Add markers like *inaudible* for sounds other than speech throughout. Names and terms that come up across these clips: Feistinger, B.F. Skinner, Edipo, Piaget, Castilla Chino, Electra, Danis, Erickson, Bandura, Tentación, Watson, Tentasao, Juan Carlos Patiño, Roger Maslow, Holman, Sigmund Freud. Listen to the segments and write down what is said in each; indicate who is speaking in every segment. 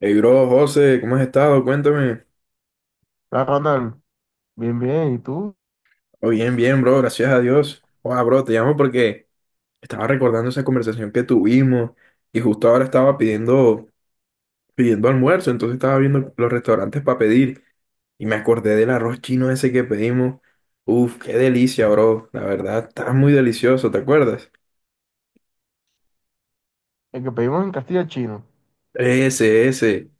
Speaker 1: Hey, bro, José, ¿cómo has estado? Cuéntame.
Speaker 2: La Ronald, bien, bien. ¿Y tú?
Speaker 1: Oh, bien, bien, bro, gracias a Dios. Wow, bro, te llamo porque estaba recordando esa conversación que tuvimos y justo ahora estaba pidiendo almuerzo, entonces estaba viendo los restaurantes para pedir y me acordé del arroz chino ese que pedimos. Uf, qué delicia, bro. La verdad, está muy delicioso, ¿te acuerdas?
Speaker 2: El que pedimos en Castilla Chino.
Speaker 1: Ese, ese.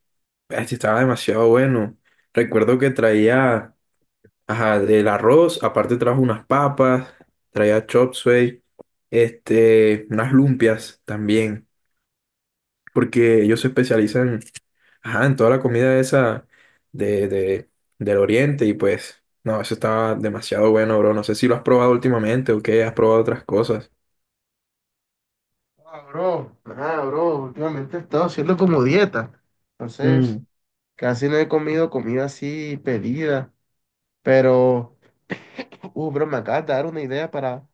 Speaker 1: Este estaba demasiado bueno. Recuerdo que traía. Ajá, del arroz, aparte trajo unas papas, traía chop suey, unas lumpias también, porque ellos se especializan, ajá, en toda la comida esa de, de, del oriente y pues, no, eso estaba demasiado bueno, bro. No sé si lo has probado últimamente o qué, has probado otras cosas.
Speaker 2: Ah, bro, nada, bro. Últimamente he estado haciendo como dieta. Entonces,
Speaker 1: Mm,
Speaker 2: casi no he comido comida así pedida. Pero, bro, me acabas de dar una idea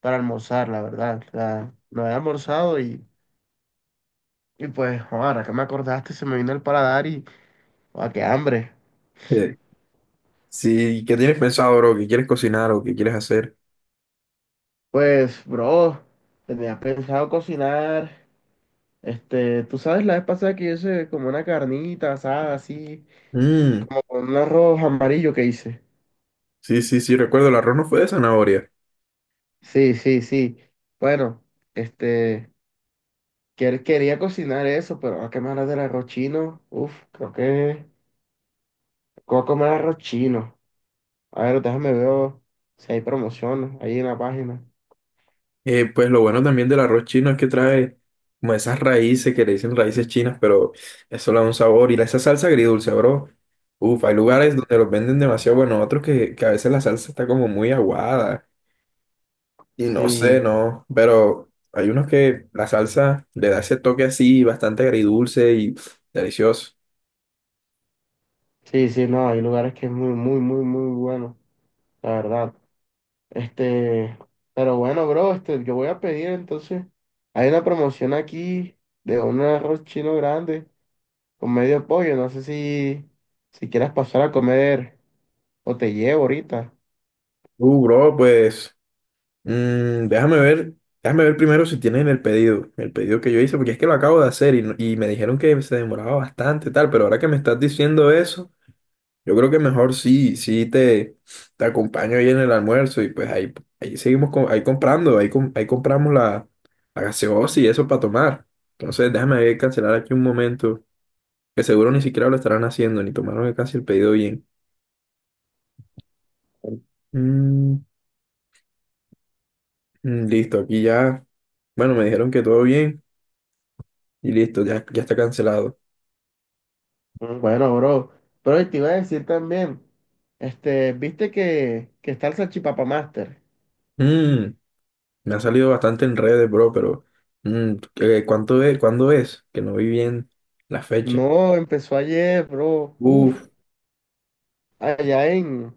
Speaker 2: para almorzar, la verdad. O sea, no había almorzado y pues, ahora que me acordaste, se me vino el paladar y, ah, qué hambre.
Speaker 1: eh, sí, ¿qué tienes pensado, bro? ¿Qué quieres cocinar o qué quieres hacer?
Speaker 2: Pues, bro, tenía pensado cocinar. Este, tú sabes, la vez pasada que yo hice como una carnita asada, así,
Speaker 1: Mm,
Speaker 2: como con un arroz amarillo que hice.
Speaker 1: sí, sí, sí, recuerdo, el arroz no fue de zanahoria.
Speaker 2: Sí, sí, sí. Bueno, este, él quería cocinar eso, pero a qué me hablas del arroz chino. Uf, creo que voy a comer arroz chino. A ver, déjame ver si hay promociones ahí en la página.
Speaker 1: Pues lo bueno también del arroz chino es que trae como esas raíces que le dicen raíces chinas, pero eso le da un sabor. Esa salsa agridulce, bro. Uf, hay
Speaker 2: Uf,
Speaker 1: lugares donde los venden demasiado bueno, otros que a veces la salsa está como muy aguada. Y no sé,
Speaker 2: sí,
Speaker 1: no. Pero hay unos que la salsa le da ese toque así, bastante agridulce y pff, delicioso.
Speaker 2: sí, sí, no, hay lugares que es muy, muy, muy, muy bueno, la verdad. Este, pero bueno, bro, este, yo voy a pedir entonces. Hay una promoción aquí de un arroz chino grande con medio pollo. No sé si, si quieras pasar a comer o te llevo ahorita.
Speaker 1: Bro, pues. Mm, déjame ver primero si tienen el pedido que yo hice, porque es que lo acabo de hacer y, no- y me dijeron que se demoraba bastante, tal, pero ahora que me estás diciendo eso, yo creo que mejor sí, te acompaño ahí en el almuerzo y pues ahí, ahí seguimos, ahí comprando, ahí, ahí compramos la gaseosa y eso para tomar. Entonces déjame ver, cancelar aquí un momento, que seguro ni siquiera lo estarán haciendo, ni tomaron casi el pedido bien. Mm, Listo, aquí ya, bueno, me dijeron que todo bien y listo, ya, ya está cancelado.
Speaker 2: Mm, bueno, bro. Pero te iba a decir también, este, viste que, está el salchipapa Master.
Speaker 1: Mm, me ha salido bastante en redes, bro, pero ¿cuánto es? ¿Cuándo es? Que no vi bien la fecha.
Speaker 2: No, empezó ayer, bro. Uf,
Speaker 1: Uf,
Speaker 2: allá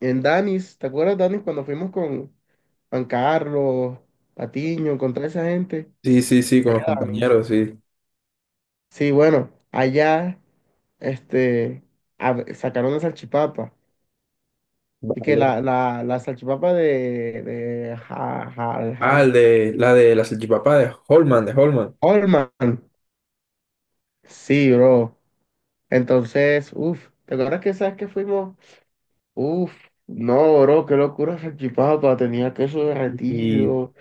Speaker 2: en Danis. ¿Te acuerdas, Danis, cuando fuimos con Juan Carlos, Patiño, con toda esa gente?
Speaker 1: sí, sí, sí, con los
Speaker 2: Allá, Danis.
Speaker 1: compañeros, sí.
Speaker 2: Sí, bueno, allá este, sacaron la salchipapa. Y que
Speaker 1: Vale.
Speaker 2: la, salchipapa de,
Speaker 1: Ah, la de la salchipapa de Holman, de Holman.
Speaker 2: Holman. Sí, bro. Entonces, uff, ¿te acuerdas que sabes que fuimos? Uff, no, bro, qué locura salchipapa. Tenía queso
Speaker 1: Y
Speaker 2: derretido,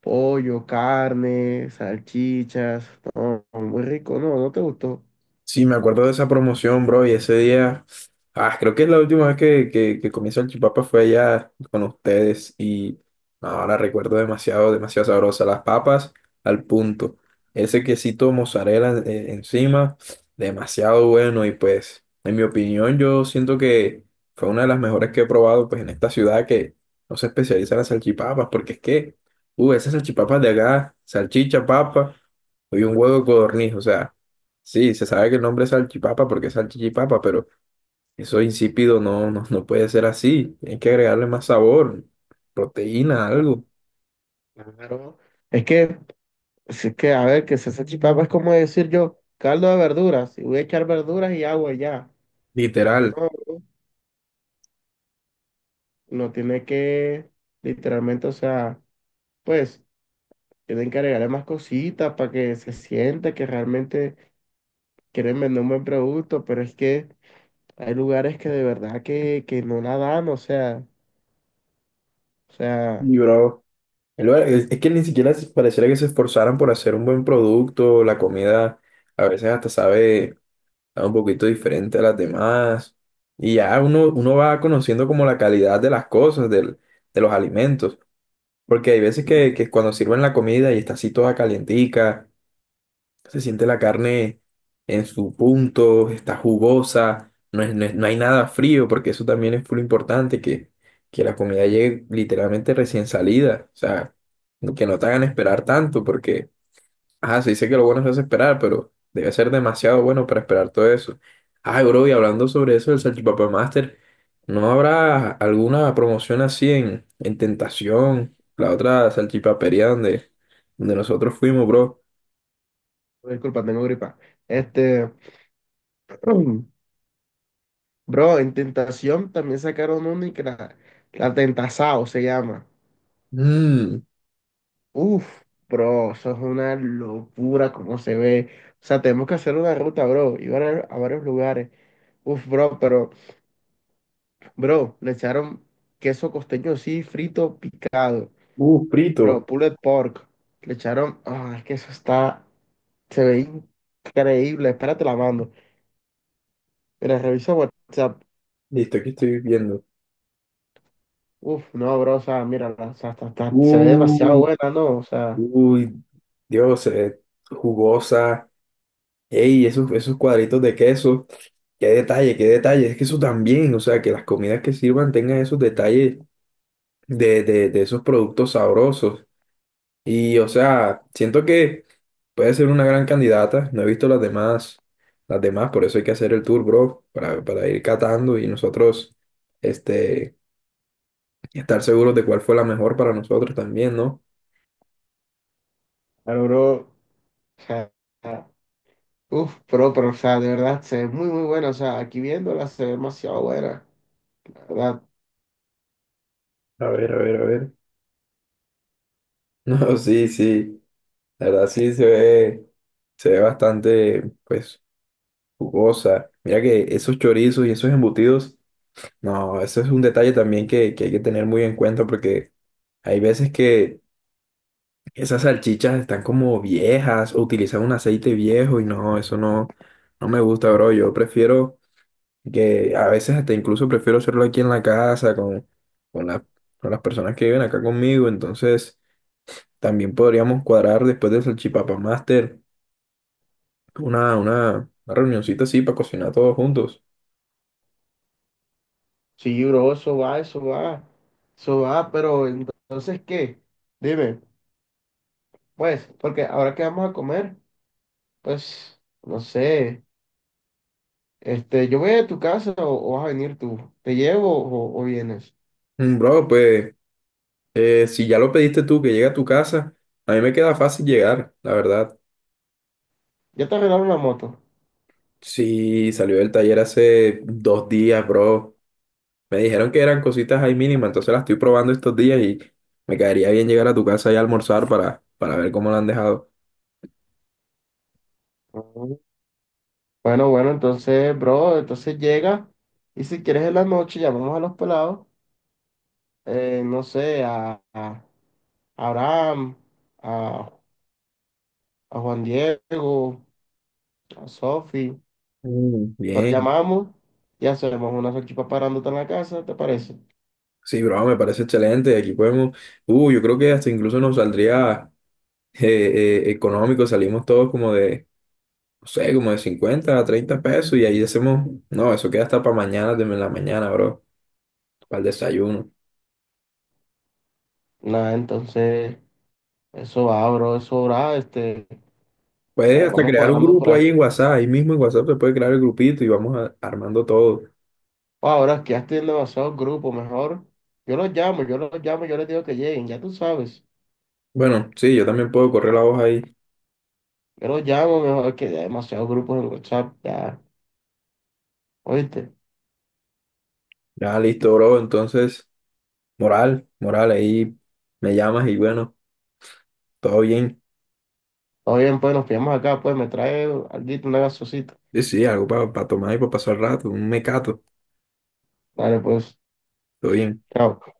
Speaker 2: pollo, carne, salchichas. No, muy rico. No, no te gustó.
Speaker 1: sí, me acuerdo de esa promoción, bro, y ese día, ah, creo que es la última vez que, que comí salchipapa fue allá con ustedes y ahora recuerdo demasiado, demasiado sabrosa. Las papas al punto, ese quesito mozzarella encima, demasiado bueno y pues, en mi opinión, yo siento que fue una de las mejores que he probado pues en esta ciudad que no se especializa en las salchipapas, porque es que, esas salchipapas de acá, salchicha, papa y un huevo de codorniz, o sea. Sí, se sabe que el nombre es salchipapa porque es salchichipapa, pero eso insípido no, no, no puede ser así. Hay que agregarle más sabor, proteína, algo,
Speaker 2: Claro. Es que. Así que, a ver, que se salsa chipapa es como decir yo, caldo de verduras, y voy a echar verduras y agua y ya. Pues no,
Speaker 1: literal.
Speaker 2: no tiene que, literalmente, o sea, pues, tienen que agregarle más cositas para que se sienta que realmente quieren vender un buen producto, pero es que hay lugares que de verdad que no la dan, o sea,
Speaker 1: Y bro, es que ni siquiera pareciera que se esforzaran por hacer un buen producto. La comida a veces hasta sabe, sabe un poquito diferente a las demás. Y ya uno, uno va conociendo como la calidad de las cosas, de los alimentos. Porque hay veces
Speaker 2: sí,
Speaker 1: que cuando sirven la comida y está así toda calientica. Se siente la carne en su punto, está jugosa, no hay nada frío, porque eso también es muy importante, que la comida llegue literalmente recién salida. O sea, que no te hagan esperar tanto, porque, ajá, se dice que lo bueno se hace esperar, pero debe ser demasiado bueno para esperar todo eso. Ay, bro, y hablando sobre eso del Salchipapa Master, ¿no habrá alguna promoción así en Tentación, la otra salchipapería donde, donde nosotros fuimos, bro?
Speaker 2: disculpa, tengo gripa. Este, *clears throat* bro, en Tentación también sacaron una y que la, la Tentasao se llama.
Speaker 1: Mmm,
Speaker 2: Uf, bro, eso es una locura como se ve. O sea, tenemos que hacer una ruta, bro, y a varios lugares. Uf, bro, pero, bro, le echaron queso costeño así, frito, picado.
Speaker 1: uh,
Speaker 2: Bro,
Speaker 1: frito.
Speaker 2: pulled pork. Le echaron, ah, es que eso está, se ve increíble. Espérate, la mando. Mira, revisa WhatsApp.
Speaker 1: Listo, aquí estoy viendo.
Speaker 2: Uf, no, bro, o sea, mira, o sea, se ve demasiado
Speaker 1: Uh,
Speaker 2: buena, ¿no? O sea,
Speaker 1: uy, Dios, jugosa. Ey, esos, esos cuadritos de queso. Qué detalle, qué detalle. Es que eso también, o sea, que las comidas que sirvan tengan esos detalles de esos productos sabrosos. Y, o sea, siento que puede ser una gran candidata. No he visto las demás, por eso hay que hacer el tour, bro, para ir catando y nosotros, este, estar seguros de cuál fue la mejor para nosotros también, ¿no?
Speaker 2: pero, bro, o sea. Uf, pero, o sea, de verdad, se ve muy, muy buena. O sea, aquí viéndola se ve demasiado buena. La verdad,
Speaker 1: A ver, a ver, a ver. *laughs* No, sí, sí. La verdad sí se ve bastante, pues, jugosa. Mira que esos chorizos y esos embutidos, no, eso es un detalle también que hay que tener muy en cuenta porque hay veces que esas salchichas están como viejas o utilizan un aceite viejo y no, eso no, no me gusta, bro. Yo prefiero que a veces hasta incluso prefiero hacerlo aquí en la casa con, con la- con las personas que viven acá conmigo, entonces. También podríamos cuadrar después del Salchipapa Master una reunioncita así para cocinar todos juntos.
Speaker 2: sí, bro, eso va, eso va, eso va, pero entonces, ¿qué? Dime, pues, porque ahora que vamos a comer, pues, no sé, este, yo voy a tu casa o vas a venir tú. ¿Te llevo o vienes?
Speaker 1: Mm, bro, pues si ya lo pediste tú que llegue a tu casa, a mí me queda fácil llegar, la verdad.
Speaker 2: Ya te arreglaron la moto.
Speaker 1: Sí, salió del taller hace 2 días, bro. Me dijeron que eran cositas ahí mínimas, entonces las estoy probando estos días y me caería bien llegar a tu casa y almorzar para ver cómo la han dejado.
Speaker 2: Ujú. Bueno, bueno, entonces, bro, entonces llega y si quieres en la noche llamamos a los pelados, no sé, a Abraham, a, a Juan Diego, a Sofi.
Speaker 1: Mm,
Speaker 2: Los
Speaker 1: bien,
Speaker 2: llamamos y hacemos una salchipapa grandota en la casa, ¿te parece?
Speaker 1: sí, bro, me parece excelente. Aquí podemos, yo creo que hasta incluso nos saldría. Económico, salimos todos como de, no sé, como de 50 a 30 pesos y ahí hacemos, no, eso queda hasta para mañana, de la mañana, bro, para el desayuno.
Speaker 2: Nada, entonces, eso va, bro, eso va, este,
Speaker 1: Puedes hasta
Speaker 2: vamos
Speaker 1: crear un
Speaker 2: cuadrando por
Speaker 1: grupo
Speaker 2: ahí.
Speaker 1: ahí en WhatsApp, ahí mismo en WhatsApp se puede crear el grupito y armando todo.
Speaker 2: Oh, ahora es que ya estoy en demasiados grupos, mejor. Yo los llamo, yo los llamo, yo les digo que lleguen, ya tú sabes.
Speaker 1: Bueno, sí, yo también puedo correr la hoja ahí.
Speaker 2: Yo los llamo, mejor que ya hay demasiados grupos en WhatsApp, ya, ¿oíste?
Speaker 1: Ya, listo, bro, entonces, moral, moral, ahí me llamas y bueno, todo bien.
Speaker 2: Todo bien, pues nos pillamos acá, pues me trae alguito, una gaseosita.
Speaker 1: Sí, sí, algo para tomar y para pasar el rato, un mecato,
Speaker 2: Dale, pues,
Speaker 1: todo bien.
Speaker 2: chao.